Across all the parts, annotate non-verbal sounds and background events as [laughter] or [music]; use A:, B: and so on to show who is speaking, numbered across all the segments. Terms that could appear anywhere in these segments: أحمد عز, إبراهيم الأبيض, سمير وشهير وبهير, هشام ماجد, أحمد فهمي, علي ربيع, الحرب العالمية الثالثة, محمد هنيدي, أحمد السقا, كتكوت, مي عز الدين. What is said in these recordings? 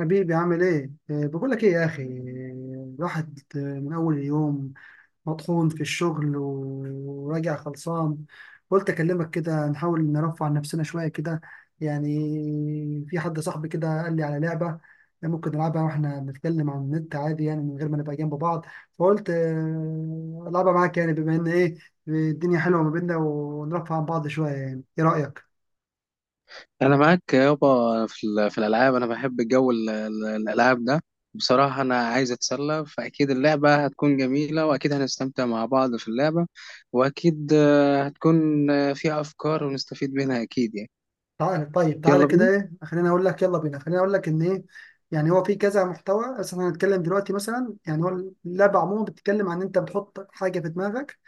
A: حبيبي، عامل ايه؟ إيه، بقول لك ايه يا اخي، إيه، الواحد من اول اليوم مطحون في الشغل و- وراجع خلصان. قلت اكلمك كده، نحاول نرفع عن نفسنا شويه كده. يعني في حد صاحبي كده قال لي على لعبه، ممكن نلعبها واحنا بنتكلم عن النت عادي، يعني من غير ما نبقى جنب بعض. فقلت العبها معاك، يعني بما ان ايه، الدنيا حلوه ما بيننا ونرفع عن بعض شويه. يعني ايه رايك؟
B: انا معاك يابا في في الالعاب، انا بحب جو الالعاب ده. بصراحه انا عايز اتسلى، فاكيد اللعبه هتكون جميله واكيد هنستمتع مع بعض في اللعبه. واكيد هتكون فيها افكار ونستفيد منها اكيد يعني.
A: تعال طيب، تعالى
B: يلا
A: كده
B: بينا.
A: ايه، خليني اقول لك يلا بينا، خليني اقول لك ان ايه، يعني هو في كذا محتوى، بس احنا هنتكلم دلوقتي مثلا. يعني هو اللعبه عموما بتتكلم عن ان انت بتحط حاجه في دماغك،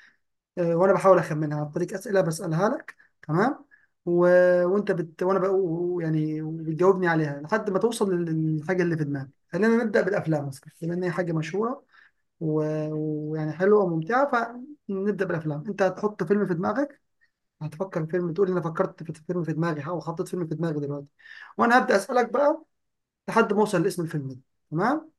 A: وانا بحاول اخمنها عن طريق اسئله بسالها لك. تمام. و... وانت وانا بقى، يعني بتجاوبني عليها لحد ما توصل لل- للحاجه اللي في دماغك. خلينا نبدا بالافلام مثلا، بما ان هي حاجه مشهوره و- ويعني حلوه وممتعه. فنبدا بالافلام. انت هتحط فيلم في دماغك، هتفكر في فيلم، تقول لي انا فكرت في فيلم في دماغي او حطيت فيلم في دماغي دلوقتي، وانا هبدا اسالك بقى لحد ما اوصل لاسم الفيلم ده. تمام.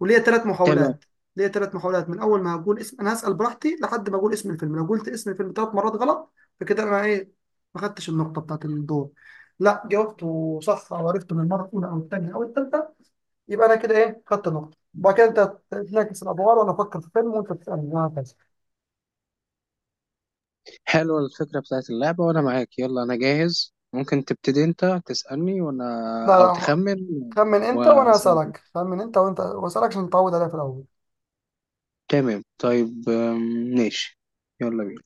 A: وليا ثلاث
B: تمام،
A: محاولات. ليا ثلاث محاولات من اول ما هقول اسم، انا هسال براحتي لحد ما اقول اسم الفيلم. لو قلت اسم الفيلم ثلاث مرات غلط فكده انا ايه، ما خدتش النقطه بتاعت الدور. لا، جاوبته صح او عرفته من المره الاولى او الثانيه او الثالثه، يبقى انا كده ايه، خدت نقطه. وبعد كده انت تنعكس الادوار، وانا افكر في فيلم وانت تسالني وهكذا.
B: حلوه الفكره بتاعت اللعبه وانا معاك، يلا انا جاهز، ممكن تبتدي انت تسالني وانا،
A: لا
B: او
A: لا،
B: تخمن
A: خمن انت وانا
B: واسالك.
A: اسالك، خمن انت وانت واسالك عشان نتعود عليها في الاول.
B: تمام طيب، ماشي، يلا بينا.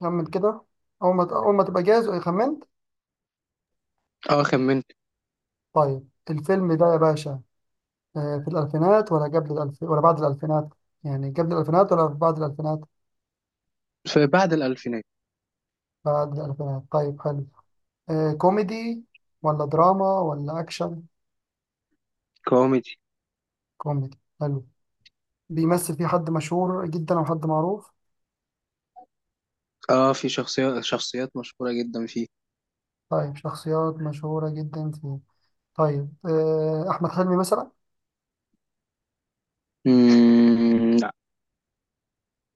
A: خمن كده. أول ما تبقى جاهز خمنت.
B: اه خمنت.
A: طيب الفيلم ده يا باشا، في الألفينات ولا قبل الألف ولا بعد الألفينات؟ يعني قبل الألفينات ولا بعد الألفينات؟
B: في بعد الالفينات.
A: بعد الألفينات، طيب حلو. كوميدي ولا دراما ولا أكشن؟
B: كوميدي.
A: كوميدي، حلو. بيمثل فيه حد مشهور جدا أو حد معروف؟
B: اه، في شخصيات شخصيات مشهورة جدا فيه.
A: طيب، شخصيات مشهورة جدا فيه. طيب أحمد حلمي مثلا؟
B: لا.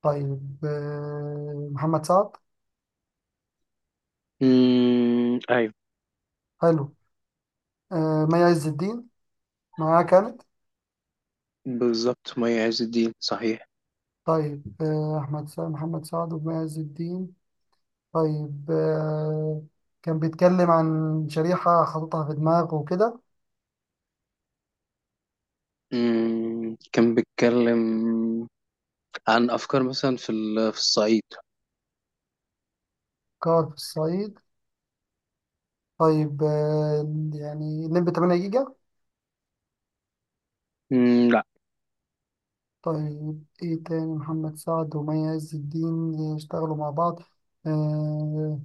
A: طيب محمد سعد؟
B: ايوه.
A: حلو. مي عز الدين معاه كان؟
B: بالظبط، مي عز الدين، صحيح.
A: طيب، آه، أحمد سعد محمد سعد ومعز الدين. طيب كان بيتكلم عن شريحة حاططها في دماغه وكده.
B: كان بيتكلم عن افكار مثلا في في الصعيد.
A: كار في الصعيد. طيب يعني الليمبي 8 جيجا؟
B: لا.
A: طيب إيه تاني محمد سعد ومعز الدين يشتغلوا مع بعض؟ آه،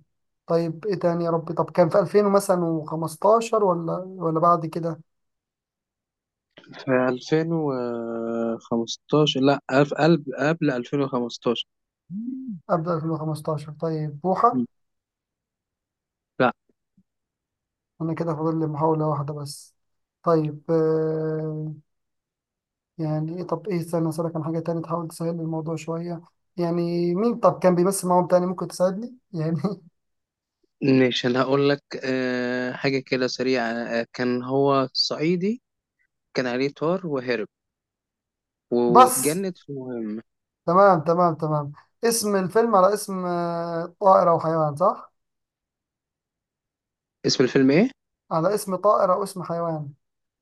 A: طيب إيه تاني يا ربي؟ طب كان في 2000 مثلا وخمستاشر ولا بعد كده؟
B: في 2015، لا ألف... قبل قبل 2015. مم.
A: قبل 2015، طيب بوحة.
B: لا.
A: أنا كده فاضل لي محاولة واحدة بس. طيب يعني إيه؟ طب إيه، استنى أسألك عن حاجة تانية تحاول تسهل لي الموضوع شوية. يعني مين طب كان بيمثل معاهم تاني ممكن تساعدني يعني؟ [laughs]
B: مش انا هقول لك حاجة كده سريعة، كان هو صعيدي، كان عليه طار وهرب
A: بس.
B: واتجند في مهمة.
A: تمام تمام تمام. اسم الفيلم على اسم طائر أو حيوان، صح؟
B: اسم الفيلم ايه؟
A: على اسم طائر أو اسم حيوان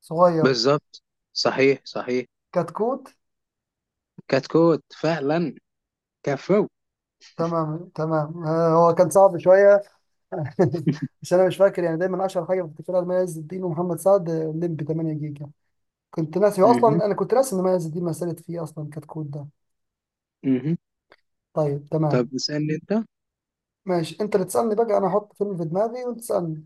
A: صغير.
B: بالظبط، صحيح صحيح.
A: كتكوت.
B: كتكوت فعلا. كفو.
A: تمام تمام، هو كان صعب شوية. [laughs] مش، أنا مش فاكر، يعني دايما أشهر حاجة بفتكرها لما عز الدين ومحمد سعد الليمبي 8 جيجا. كنت ناسي، هو
B: مهم.
A: أصلا أنا كنت ناسي إن ما عز الدين مثلت فيه أصلا كتكوت ده.
B: مهم.
A: طيب
B: طب
A: تمام.
B: اسألني انت.
A: ماشي، انت اللي تسألني بقى، انا هحط فيلم في دماغي وانت تسألني.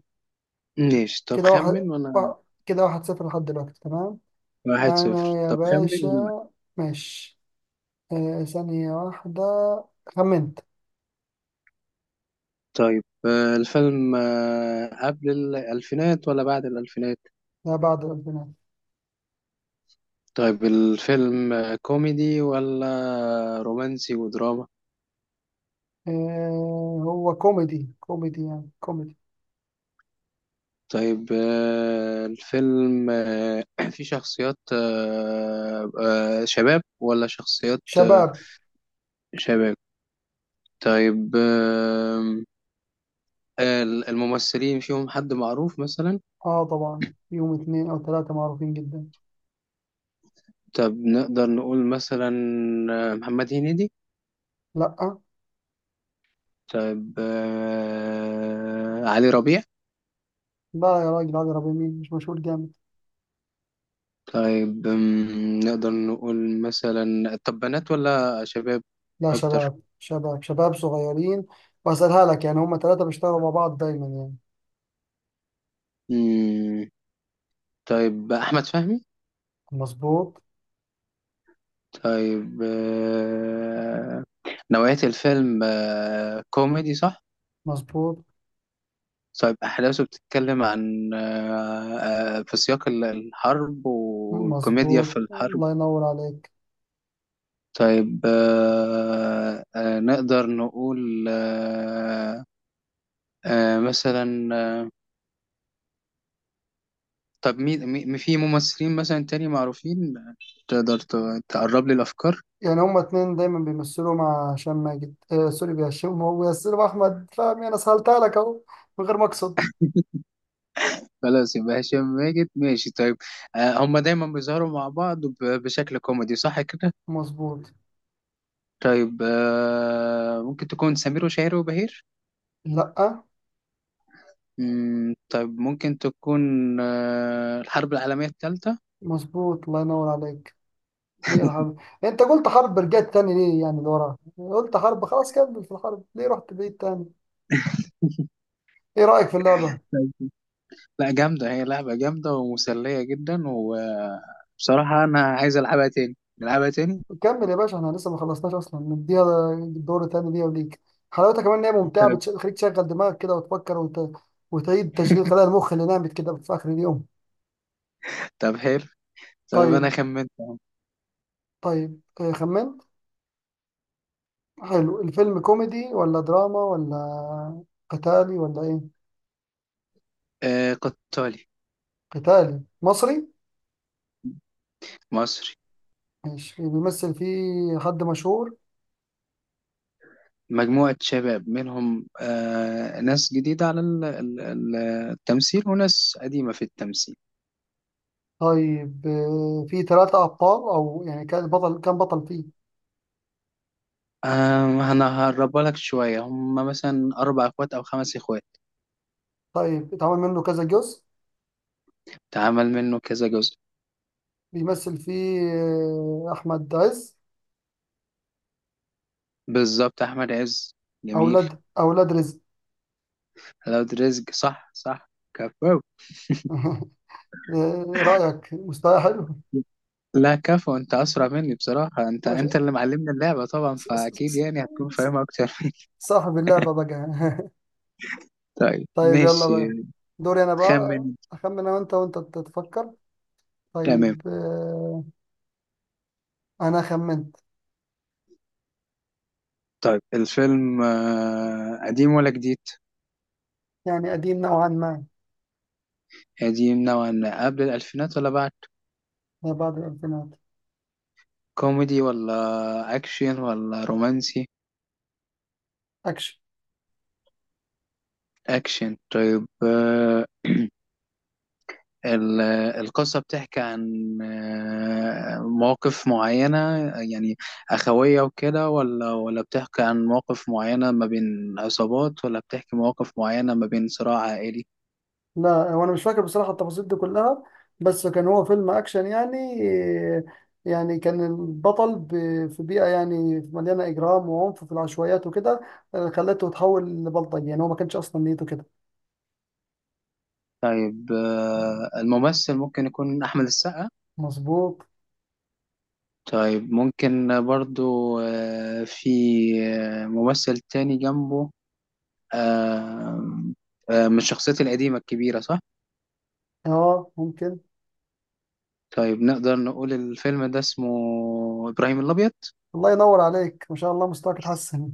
B: ماشي، طب
A: كده
B: خمن
A: واحد
B: وانا.
A: وا- صفر لحد دلوقتي، تمام.
B: واحد صفر،
A: انا يا
B: طب خمن
A: باشا،
B: وانا واحد.
A: ماشي. ثانية واحدة. خمنت.
B: طيب الفيلم قبل الألفينات ولا بعد الألفينات؟
A: لا، بعد البنات.
B: طيب الفيلم كوميدي ولا رومانسي ودراما؟
A: هو كوميدي، كوميدي يعني، كوميدي.
B: طيب الفيلم [clears throat] فيه شخصيات، شباب ولا شخصيات
A: شباب.
B: شباب؟ طيب، الممثلين فيهم حد معروف مثلا؟
A: اه طبعا، يوم اتنين او تلاتة معروفين جدا.
B: طب نقدر نقول مثلا محمد هنيدي؟
A: لا
B: طيب علي ربيع؟
A: لا يا راجل، عادل ربيع مين، مش مشهور جامد.
B: طيب، نقدر نقول مثلا طب بنات ولا شباب؟
A: لا،
B: أكتر.
A: شباب شباب شباب صغيرين. واسألها لك يعني، هما تلاتة بيشتغلوا مع بعض دايما يعني.
B: مم، طيب أحمد فهمي؟
A: مظبوط
B: طيب نوعية الفيلم كوميدي صح؟
A: مظبوط
B: طيب، أحداثه بتتكلم عن في سياق الحرب والكوميديا في
A: مظبوط،
B: الحرب.
A: الله ينور عليك.
B: طيب نقدر نقول مثلا طب مين في ممثلين مثلا تاني معروفين تقدر تقرب لي الأفكار؟
A: يعني هما اتنين دايما بيمثلوا مع هشام ماجد، سوري بهشام، هو بيمثلوا احمد فهمي. انا سهلتها لك اهو من غير ما اقصد.
B: خلاص، يبقى هشام ماجد، ماشي. طيب، هما دايما بيظهروا مع بعض بشكل كوميدي صح كده؟
A: مظبوط.
B: طيب ممكن تكون سمير وشهير وبهير؟
A: لا،
B: طيب ممكن تكون الحرب العالمية الثالثة.
A: مظبوط الله ينور عليك. هي الحرب، انت قلت حرب، رجعت تاني ليه يعني؟ لورا قلت حرب خلاص، كمل في الحرب، ليه رحت بعيد تاني؟ ايه رأيك في اللعبة؟
B: لا جامدة، هي لعبة جامدة ومسلية جدا، وبصراحة أنا عايز ألعبها تاني، نلعبها تاني.
A: كمل يا باشا، احنا لسه ما خلصناش اصلا، نديها دور تاني ليها وليك. حلاوتها كمان ان هي ممتعه،
B: طب.
A: بتش- بتخليك تشغل دماغك كده وتفكر وت... وتعيد تشغيل خلايا المخ اللي نامت كده في اخر اليوم.
B: طب حلو. طب أنا
A: طيب.
B: خمنت أهو.
A: طيب خمنت. حلو. الفيلم كوميدي ولا دراما ولا قتالي ولا ايه؟
B: آه قطالي.
A: قتالي مصري.
B: مصري.
A: ماشي، بيمثل فيه حد مشهور؟
B: مجموعة شباب، منهم آه ناس جديدة على التمثيل وناس قديمة في التمثيل.
A: طيب فيه ثلاثة أبطال أو يعني كان بطل، كان بطل فيه؟
B: آه أنا هقربها لك شوية، هم مثلا أربع إخوات أو خمس إخوات.
A: طيب، اتعمل منه كذا جزء.
B: اتعمل منه كذا جزء.
A: بيمثل فيه أحمد عز.
B: بالظبط، أحمد عز. جميل.
A: اولاد رزق.
B: لو رزق، صح صح، كفو.
A: [laughs] ايه رايك، مستوى حلو؟
B: لا كفو، انت اسرع مني بصراحة، انت
A: ماشي.
B: انت اللي معلمني اللعبة طبعا،
A: ص- ص-
B: فاكيد
A: ص-
B: يعني هتكون
A: ص-
B: فاهمها اكتر مني.
A: صاحب اللعبه بقى. [laughs]
B: [laughs] طيب
A: طيب يلا بقى،
B: ماشي.
A: دوري انا
B: خمن.
A: بقى، اخمن انا وانت، وانت تتفكر.
B: تمام.
A: طيب انا خمنت.
B: طيب الفيلم قديم ولا جديد؟
A: يعني قديم نوعا ما.
B: قديم نوعا ما، قبل الالفينات ولا بعد؟
A: ما بعد الالفينات.
B: كوميدي ولا اكشن ولا رومانسي؟
A: اكشن.
B: اكشن. طيب ال- القصة بتحكي عن مواقف معينة، يعني أخوية وكده، ولا ولا بتحكي عن مواقف معينة ما بين عصابات، ولا بتحكي مواقف معينة ما بين صراع عائلي؟
A: لا، وانا مش فاكر بصراحه التفاصيل دي كلها، بس كان هو فيلم اكشن يعني. يعني كان البطل في بيئه يعني مليانه اجرام وعنف في العشوائيات وكده، خلته يتحول لبلطجي يعني، هو ما كانش اصلا نيته كده.
B: طيب الممثل ممكن يكون أحمد السقا؟
A: مظبوط.
B: طيب ممكن برضو في ممثل تاني جنبه آه، من الشخصيات القديمة الكبيرة صح؟
A: اه ممكن.
B: طيب نقدر نقول الفيلم ده اسمه إبراهيم الأبيض.
A: الله ينور عليك ما شاء الله، مستواك اتحسن.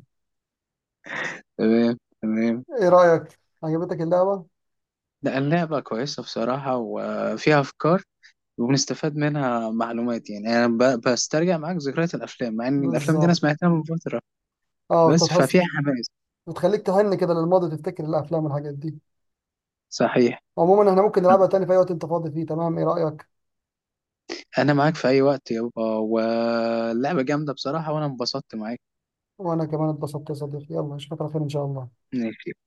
B: تمام تمام.
A: ايه رايك، عجبتك اللعبه؟
B: لا اللعبة كويسة بصراحة وفيها أفكار، وبنستفاد منها معلومات يعني، أنا بسترجع معاك ذكريات الأفلام، مع إن الأفلام دي أنا
A: بالظبط،
B: سمعتها من فترة.
A: اه
B: بس
A: بتتحس،
B: ففيها حماس.
A: بتخليك تهن كده للماضي، تفتكر الافلام والحاجات دي.
B: صحيح.
A: عموما احنا ممكن نلعبها تاني في اي وقت انت فاضي فيه، تمام؟ ايه رايك؟
B: أنا معاك في أي وقت يابا، واللعبة جامدة بصراحة وأنا انبسطت.
A: وانا كمان اتبسطت يا صديقي، يلا اشوفك على خير ان شاء الله.
B: معاك.